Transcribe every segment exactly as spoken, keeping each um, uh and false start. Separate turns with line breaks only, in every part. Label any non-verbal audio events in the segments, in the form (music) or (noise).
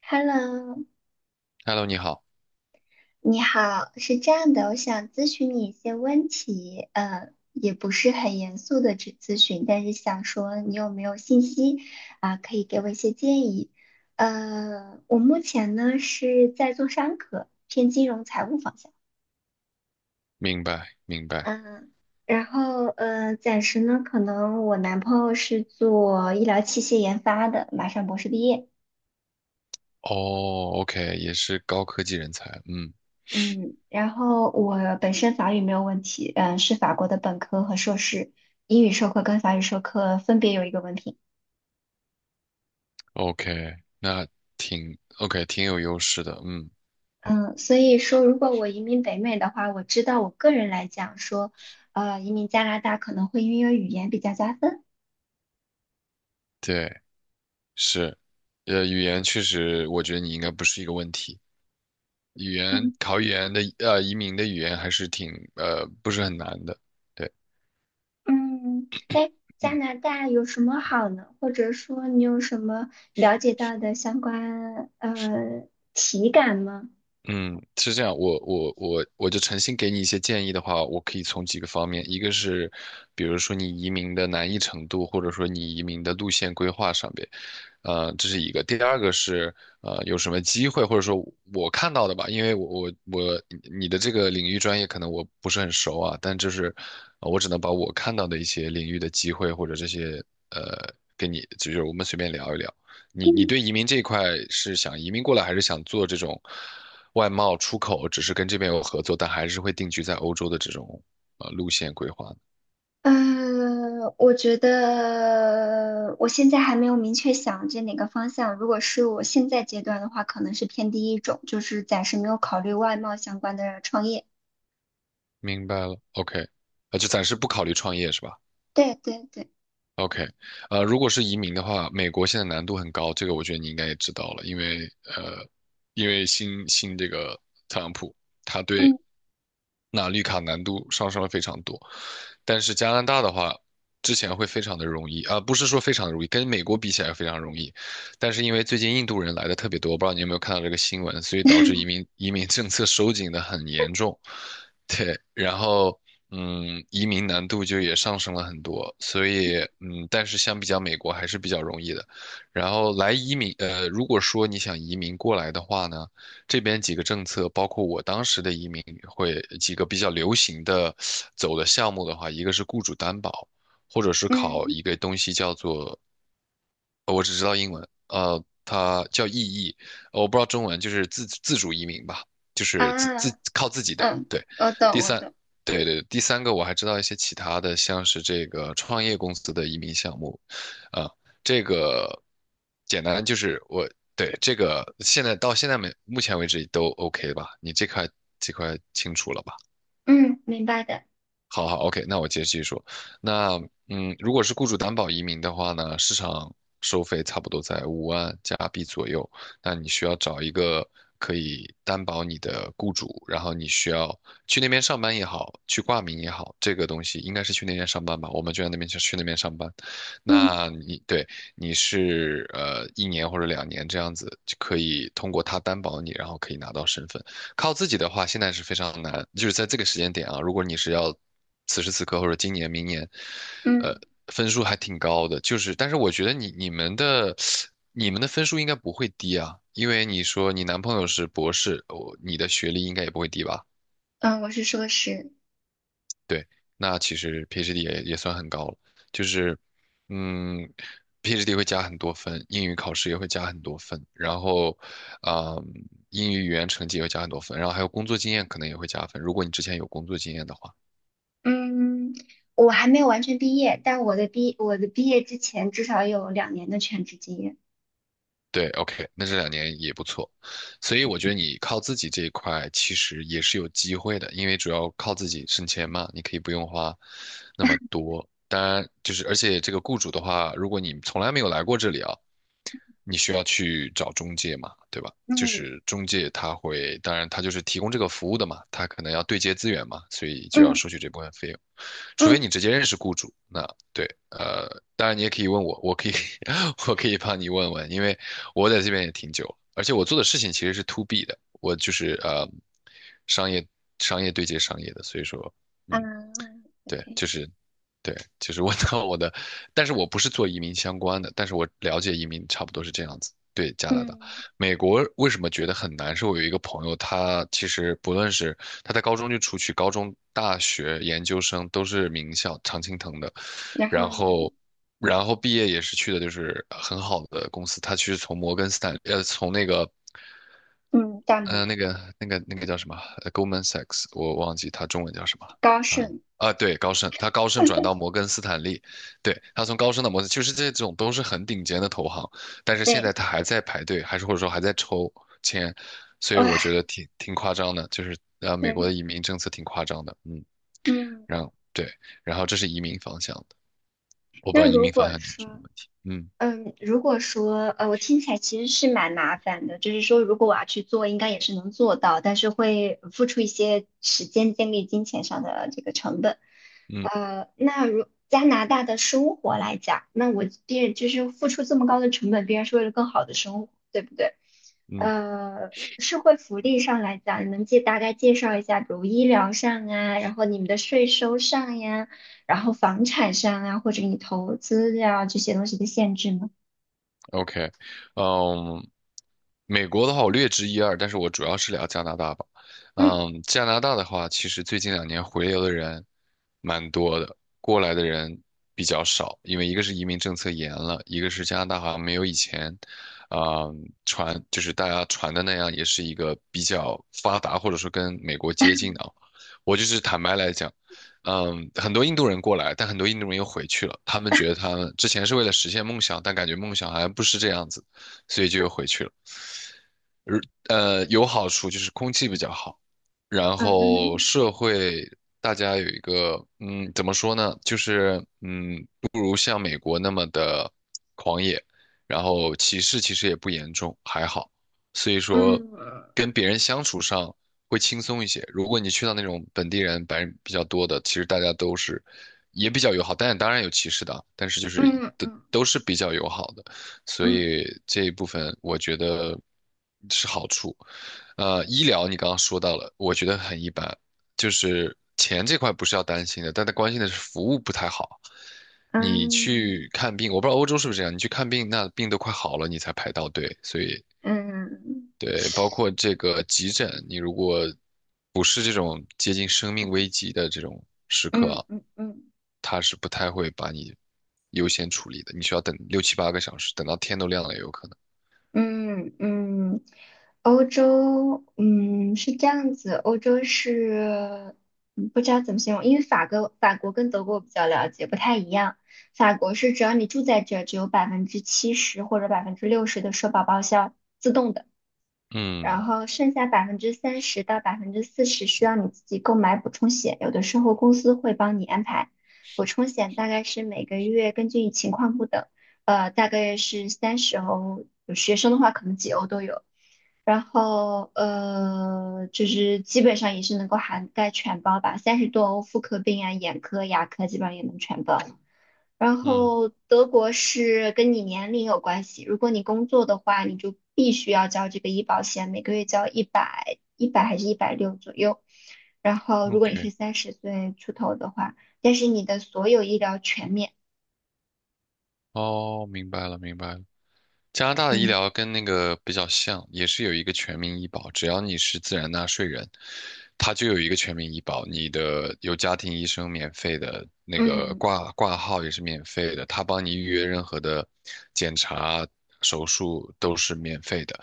Hello，
Hello，你好，
你好，是这样的，我想咨询你一些问题，呃，也不是很严肃的咨咨询，但是想说你有没有信息啊，可以给我一些建议。呃，我目前呢是在做商科，偏金融财务方向，
明白明白。
嗯，然后呃，暂时呢，可能我男朋友是做医疗器械研发的，马上博士毕业。
哦，OK，也是高科技人才，嗯
嗯，然后我本身法语没有问题，嗯，是法国的本科和硕士，英语授课跟法语授课分别有一个文凭，
，OK，那挺 OK，挺有优势的，嗯，
嗯，所以说如果我移民北美的话，我知道我个人来讲说，呃，移民加拿大可能会因为语言比较加分，
对，是，呃，语言确实，我觉得你应该不是一个问题。语言
嗯
考语言的，呃，移民的语言还是挺，呃，不是很难的，对，
嗯，那加
嗯。
拿大有什么好呢？或者说你有什么了解到的相关呃体感吗？
嗯，是这样，我我我我就诚心给你一些建议的话，我可以从几个方面，一个是，比如说你移民的难易程度，或者说你移民的路线规划上边，呃，这是一个。第二个是，呃，有什么机会，或者说我看到的吧，因为我我我你的这个领域专业可能我不是很熟啊，但就是呃我只能把我看到的一些领域的机会或者这些呃给你，就是我们随便聊一聊。你你
(laughs)
对移民这一块是想移民过来，还是想做这种？外贸出口只是跟这边有合作，但还是会定居在欧洲的这种呃路线规划的
嗯，我觉得我现在还没有明确想着哪个方向。如果是我现在阶段的话，可能是偏第一种，就是暂时没有考虑外贸相关的创业。
明白了，OK,呃，就暂时不考虑创业是吧
对对对，
？OK,呃，如果是移民的话，美国现在难度很高，这个我觉得你应该也知道了，因为呃，因为新新这个特朗普，他对
嗯
那绿卡难度上升了非常多。但是加拿大的话，之前会非常的容易啊，不是说非常容易，跟美国比起来非常容易。但是因为最近印度人来的特别多，我不知道你有没有看到这个新闻，所以导致移民移民政策收紧的很严重。对，然后嗯，移民难度就也上升了很多，所以嗯，但是相比较美国还是比较容易的。然后来移民，呃，如果说你想移民过来的话呢，这边几个政策，包括我当时的移民会几个比较流行的走的项目的话，一个是雇主担保，或者是考
嗯
一个东西叫做呃我只知道英文，呃，它叫意译，呃我不知道中文，就是自自主移民吧，就是自自
啊
靠自己的。
嗯，
对，
我懂
第
我
三，
懂，
对对，第三个我还知道一些其他的，像是这个创业公司的移民项目，啊、这个简单就是我对这个现在到现在没目前为止都 OK 吧？你这块这块清楚了吧？
嗯，明白的，
好好，OK,那我接着继续说。那嗯，如果是雇主担保移民的话呢，市场收费差不多在五万加币左右。那你需要找一个可以担保你的雇主，然后你需要去那边上班也好，去挂名也好，这个东西应该是去那边上班吧？我们就在那边去去那边上班。
嗯
那你对你是呃一年或者两年这样子，就可以通过他担保你，然后可以拿到身份。靠自己的话，现在是非常难，就是在这个时间点啊，如果你是要此时此刻或者今年、明年，呃，
嗯
分数还挺高的，就是，但是我觉得你你们的你们的分数应该不会低啊，因为你说你男朋友是博士，我你的学历应该也不会低吧？
嗯，我是硕士，
对，那其实 PhD 也也算很高了，就是，嗯，PhD 会加很多分，英语考试也会加很多分，然后，啊、英语语言成绩也会加很多分，然后还有工作经验可能也会加分，如果你之前有工作经验的话，
嗯，我还没有完全毕业，但我的毕我的毕业之前至少有两年的全职经验。
对，OK,那这两年也不错，所以我觉得你靠自己这一块其实也是有机会的，因为主要靠自己省钱嘛，你可以不用花那么多。当然，就是而且这个雇主的话，如果你从来没有来过这里啊。你需要去找中介嘛，对吧？就
嗯
是中介他会，当然他就是提供这个服务的嘛，他可能要对接资源嘛，所以就要
嗯
收取这部分费用，除
嗯
非你直接认识雇主，那对，呃，当然你也可以问我，我可以 (laughs) 我可以帮你问问，因为我在这边也挺久了，而且我做的事情其实是 to B 的，我就是呃商业商业对接商业的，所以说。
啊
嗯，对，
，OK。
就是对，就是我到我的，但是我不是做移民相关的，但是我了解移民差不多是这样子。对加拿大、
嗯，
美国为什么觉得很难？是我有一个朋友，他其实不论是他在高中就出去，高中、大学、研究生都是名校常青藤的，
然
然
后呢？
后，然后毕业也是去的就是很好的公司，他其实从摩根斯坦，呃，从那个
嗯，大
呃，
摩、
那个、那个、那个叫什么呃，Goldman Sachs,我忘记他中文叫什么了
高
啊、
盛，
啊，对，高盛，他高盛转到摩根斯坦利，对，他从高盛到摩根，就是这种都是很顶尖的投行，但是现
对，
在他还在排队，还是或者说还在抽签，所以
哇，
我觉得挺挺夸张的，就是呃，美国
对，
的移民政策挺夸张的，嗯，
嗯，
然后对，然后这是移民方向的，我不
那
知道移
如
民方
果
向你有什么
说，
问题，嗯
嗯，如果说呃，我听起来其实是蛮麻烦的，就是说如果我要去做，应该也是能做到，但是会付出一些时间、精力、金钱上的这个成本。
嗯
呃，那如加拿大的生活来讲，那我必然就是付出这么高的成本，必然是为了更好的生活，对不对？
嗯。
呃，社会福利上来讲，你能介大概介绍一下，比如医疗上啊，然后你们的税收上呀？然后房产上啊，或者你投资呀、这些东西的限制呢？
OK,嗯，美国的话我略知一二，但是我主要是聊加拿大吧。
嗯
嗯，加拿大的话，其实最近两年回流的人蛮多的，过来的人比较少，因为一个是移民政策严了，一个是加拿大好像没有以前，啊、传就是大家传的那样，也是一个比较发达或者说跟美国接近的啊。我就是坦白来讲。嗯，很多印度人过来，但很多印度人又回去了。他们觉得他们之前是为了实现梦想，但感觉梦想好像不是这样子，所以就又回去了。而呃，有好处就是空气比较好，然后
嗯
社会大家有一个，嗯，怎么说呢？就是嗯，不如像美国那么的狂野，然后歧视其实也不严重，还好。所以说，
嗯
跟别人相处上会轻松一些。如果你去到那种本地人、白人比较多的，其实大家都是也比较友好，但当然有歧视的啊但是就是
嗯
都
嗯
都是比较友好的，所以
嗯
这一部分我觉得是好处。呃，医疗你刚刚说到了，我觉得很一般，就是钱这块不是要担心的，但他关心的是服务不太好。你
嗯
去看病，我不知道欧洲是不是这样，你去看病，那病都快好了，你才排到队，所以
嗯
对，包括这个急诊，你如果不是这种接近生命危急的这种时刻
嗯
啊，
嗯嗯
他是不太会把你优先处理的，你需要等六七八个小时，等到天都亮了也有可能。
嗯嗯，欧洲，嗯，是这样子，欧洲是，嗯不知道怎么形容，因为法国法国跟德国我比较了解，不太一样。法国是只要你住在这儿，只有百分之七十或者百分之六十的社保报销，自动的。
嗯
然后剩下百分之三十到百分之四十需要你自己购买补充险，有的时候公司会帮你安排。补充险大概是每个月根据情况不等，呃，大概是三十欧，有学生的话可能几欧都有。然后呃，就是基本上也是能够涵盖全包吧，三十多欧妇科病啊、眼科、牙科基本上也能全包。然
嗯
后德国是跟你年龄有关系，如果你工作的话，你就必须要交这个医保险，每个月交一百一百还是一百六左右。然后如果你
，OK,
是三十岁出头的话，但是你的所有医疗全免。
哦，明白了，明白了。加拿大的医
嗯
疗跟那个比较像，也是有一个全民医保，只要你是自然纳税人，他就有一个全民医保。你的有家庭医生免费的，那个
嗯
挂挂号也是免费的，他帮你预约任何的检查、手术都是免费的。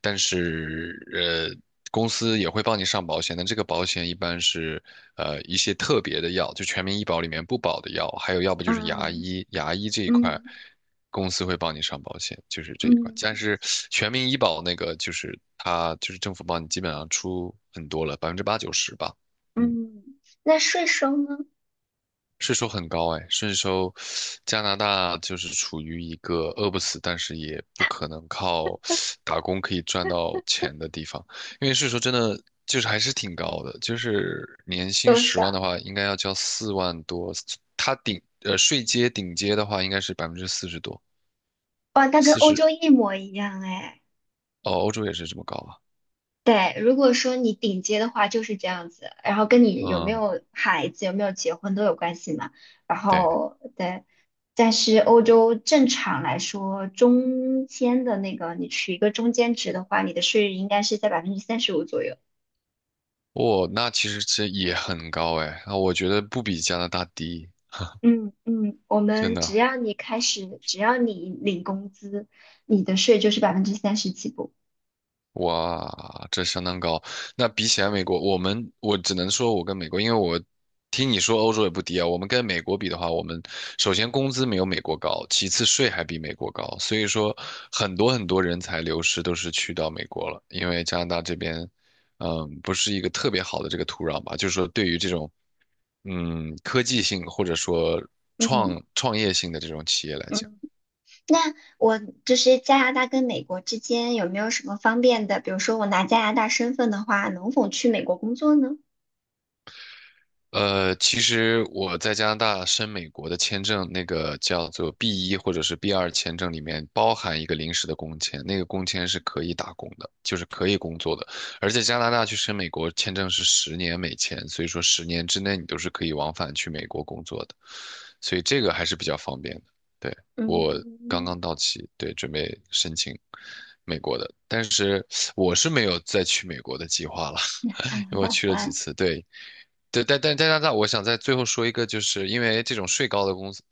但是呃，公司也会帮你上保险，但这个保险一般是呃一些特别的药，就全民医保里面不保的药，还有要不就是牙
嗯
医，牙医这一块
嗯
公司会帮你上保险，就是这一块。
嗯
但是全民医保那个就是它就是政府帮你基本上出很多了，百分之八九十吧。嗯。
嗯，那税收呢？
税收很高哎，税收，加拿大就是处于一个饿不死，但是也不可能靠打工可以赚到钱的地方，因为税收真的就是还是挺高的，就是年薪
多
十万
少？
的话，应该要交四万多，它顶呃税阶顶阶的话应该是百分之四十多，
哇，那跟
四
欧
十
洲一模一样哎。
哦，欧洲也是这么高吧？
对，如果说你顶尖的话就是这样子，然后跟你有没
嗯，
有孩子、有没有结婚都有关系嘛。然
对，
后对，但是欧洲正常来说，中间的那个你取一个中间值的话，你的税率应该是在百分之三十五左右。
哦，那其实这也很高哎，那我觉得不比加拿大低，
嗯嗯，我
真
们只
的。
要你开始，只要你领工资，你的税就是百分之三十起步。
哇，这相当高。那比起来，美国，我们我只能说，我跟美国，因为我听你说欧洲也不低啊。我们跟美国比的话，我们首先工资没有美国高，其次税还比美国高，所以说很多很多人才流失都是去到美国了，因为加拿大这边，嗯，不是一个特别好的这个土壤吧，就是说对于这种嗯科技性或者说
嗯
创创业性的这种企业来讲。
嗯。那我就是加拿大跟美国之间有没有什么方便的？比如说我拿加拿大身份的话，能否去美国工作呢？
呃，其实我在加拿大申美国的签证，那个叫做 b 一或者是 b 二签证里面包含一个临时的工签，那个工签是可以打工的，就是可以工作的。而且加拿大去申美国签证是十年美签，所以说十年之内你都是可以往返去美国工作的，所以这个还是比较方便的。对，我刚
嗯，
刚到期，对，准备申请美国的，但是我是没有再去美国的计划了。因为我去了几
(laughs)
次，对，对，但但但但但，我想在最后说一个，就是因为这种税高的公司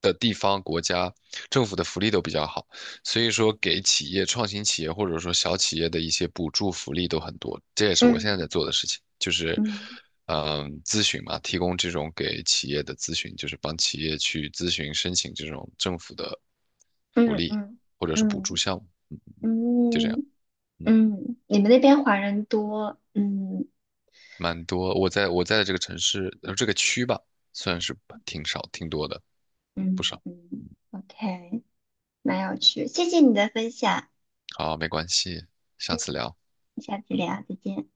的地方、国家、政府的福利都比较好，所以说给企业、创新企业或者说小企业的一些补助福利都很多。这也是我现在
嗯
在做的事情，就是
嗯
嗯，咨询嘛，提供这种给企业的咨询，就是帮企业去咨询申请这种政府的福
嗯
利
嗯
或者是补助
嗯
项目，嗯就这
嗯
样。
嗯
嗯。
嗯，你们那边华人多，嗯
蛮多。我在我在的这个城市，呃，这个区吧，算是挺少，挺多的，不
嗯
少。
嗯，OK，蛮有趣，谢谢你的分享，
好，没关系，下次聊。
下次聊，再见。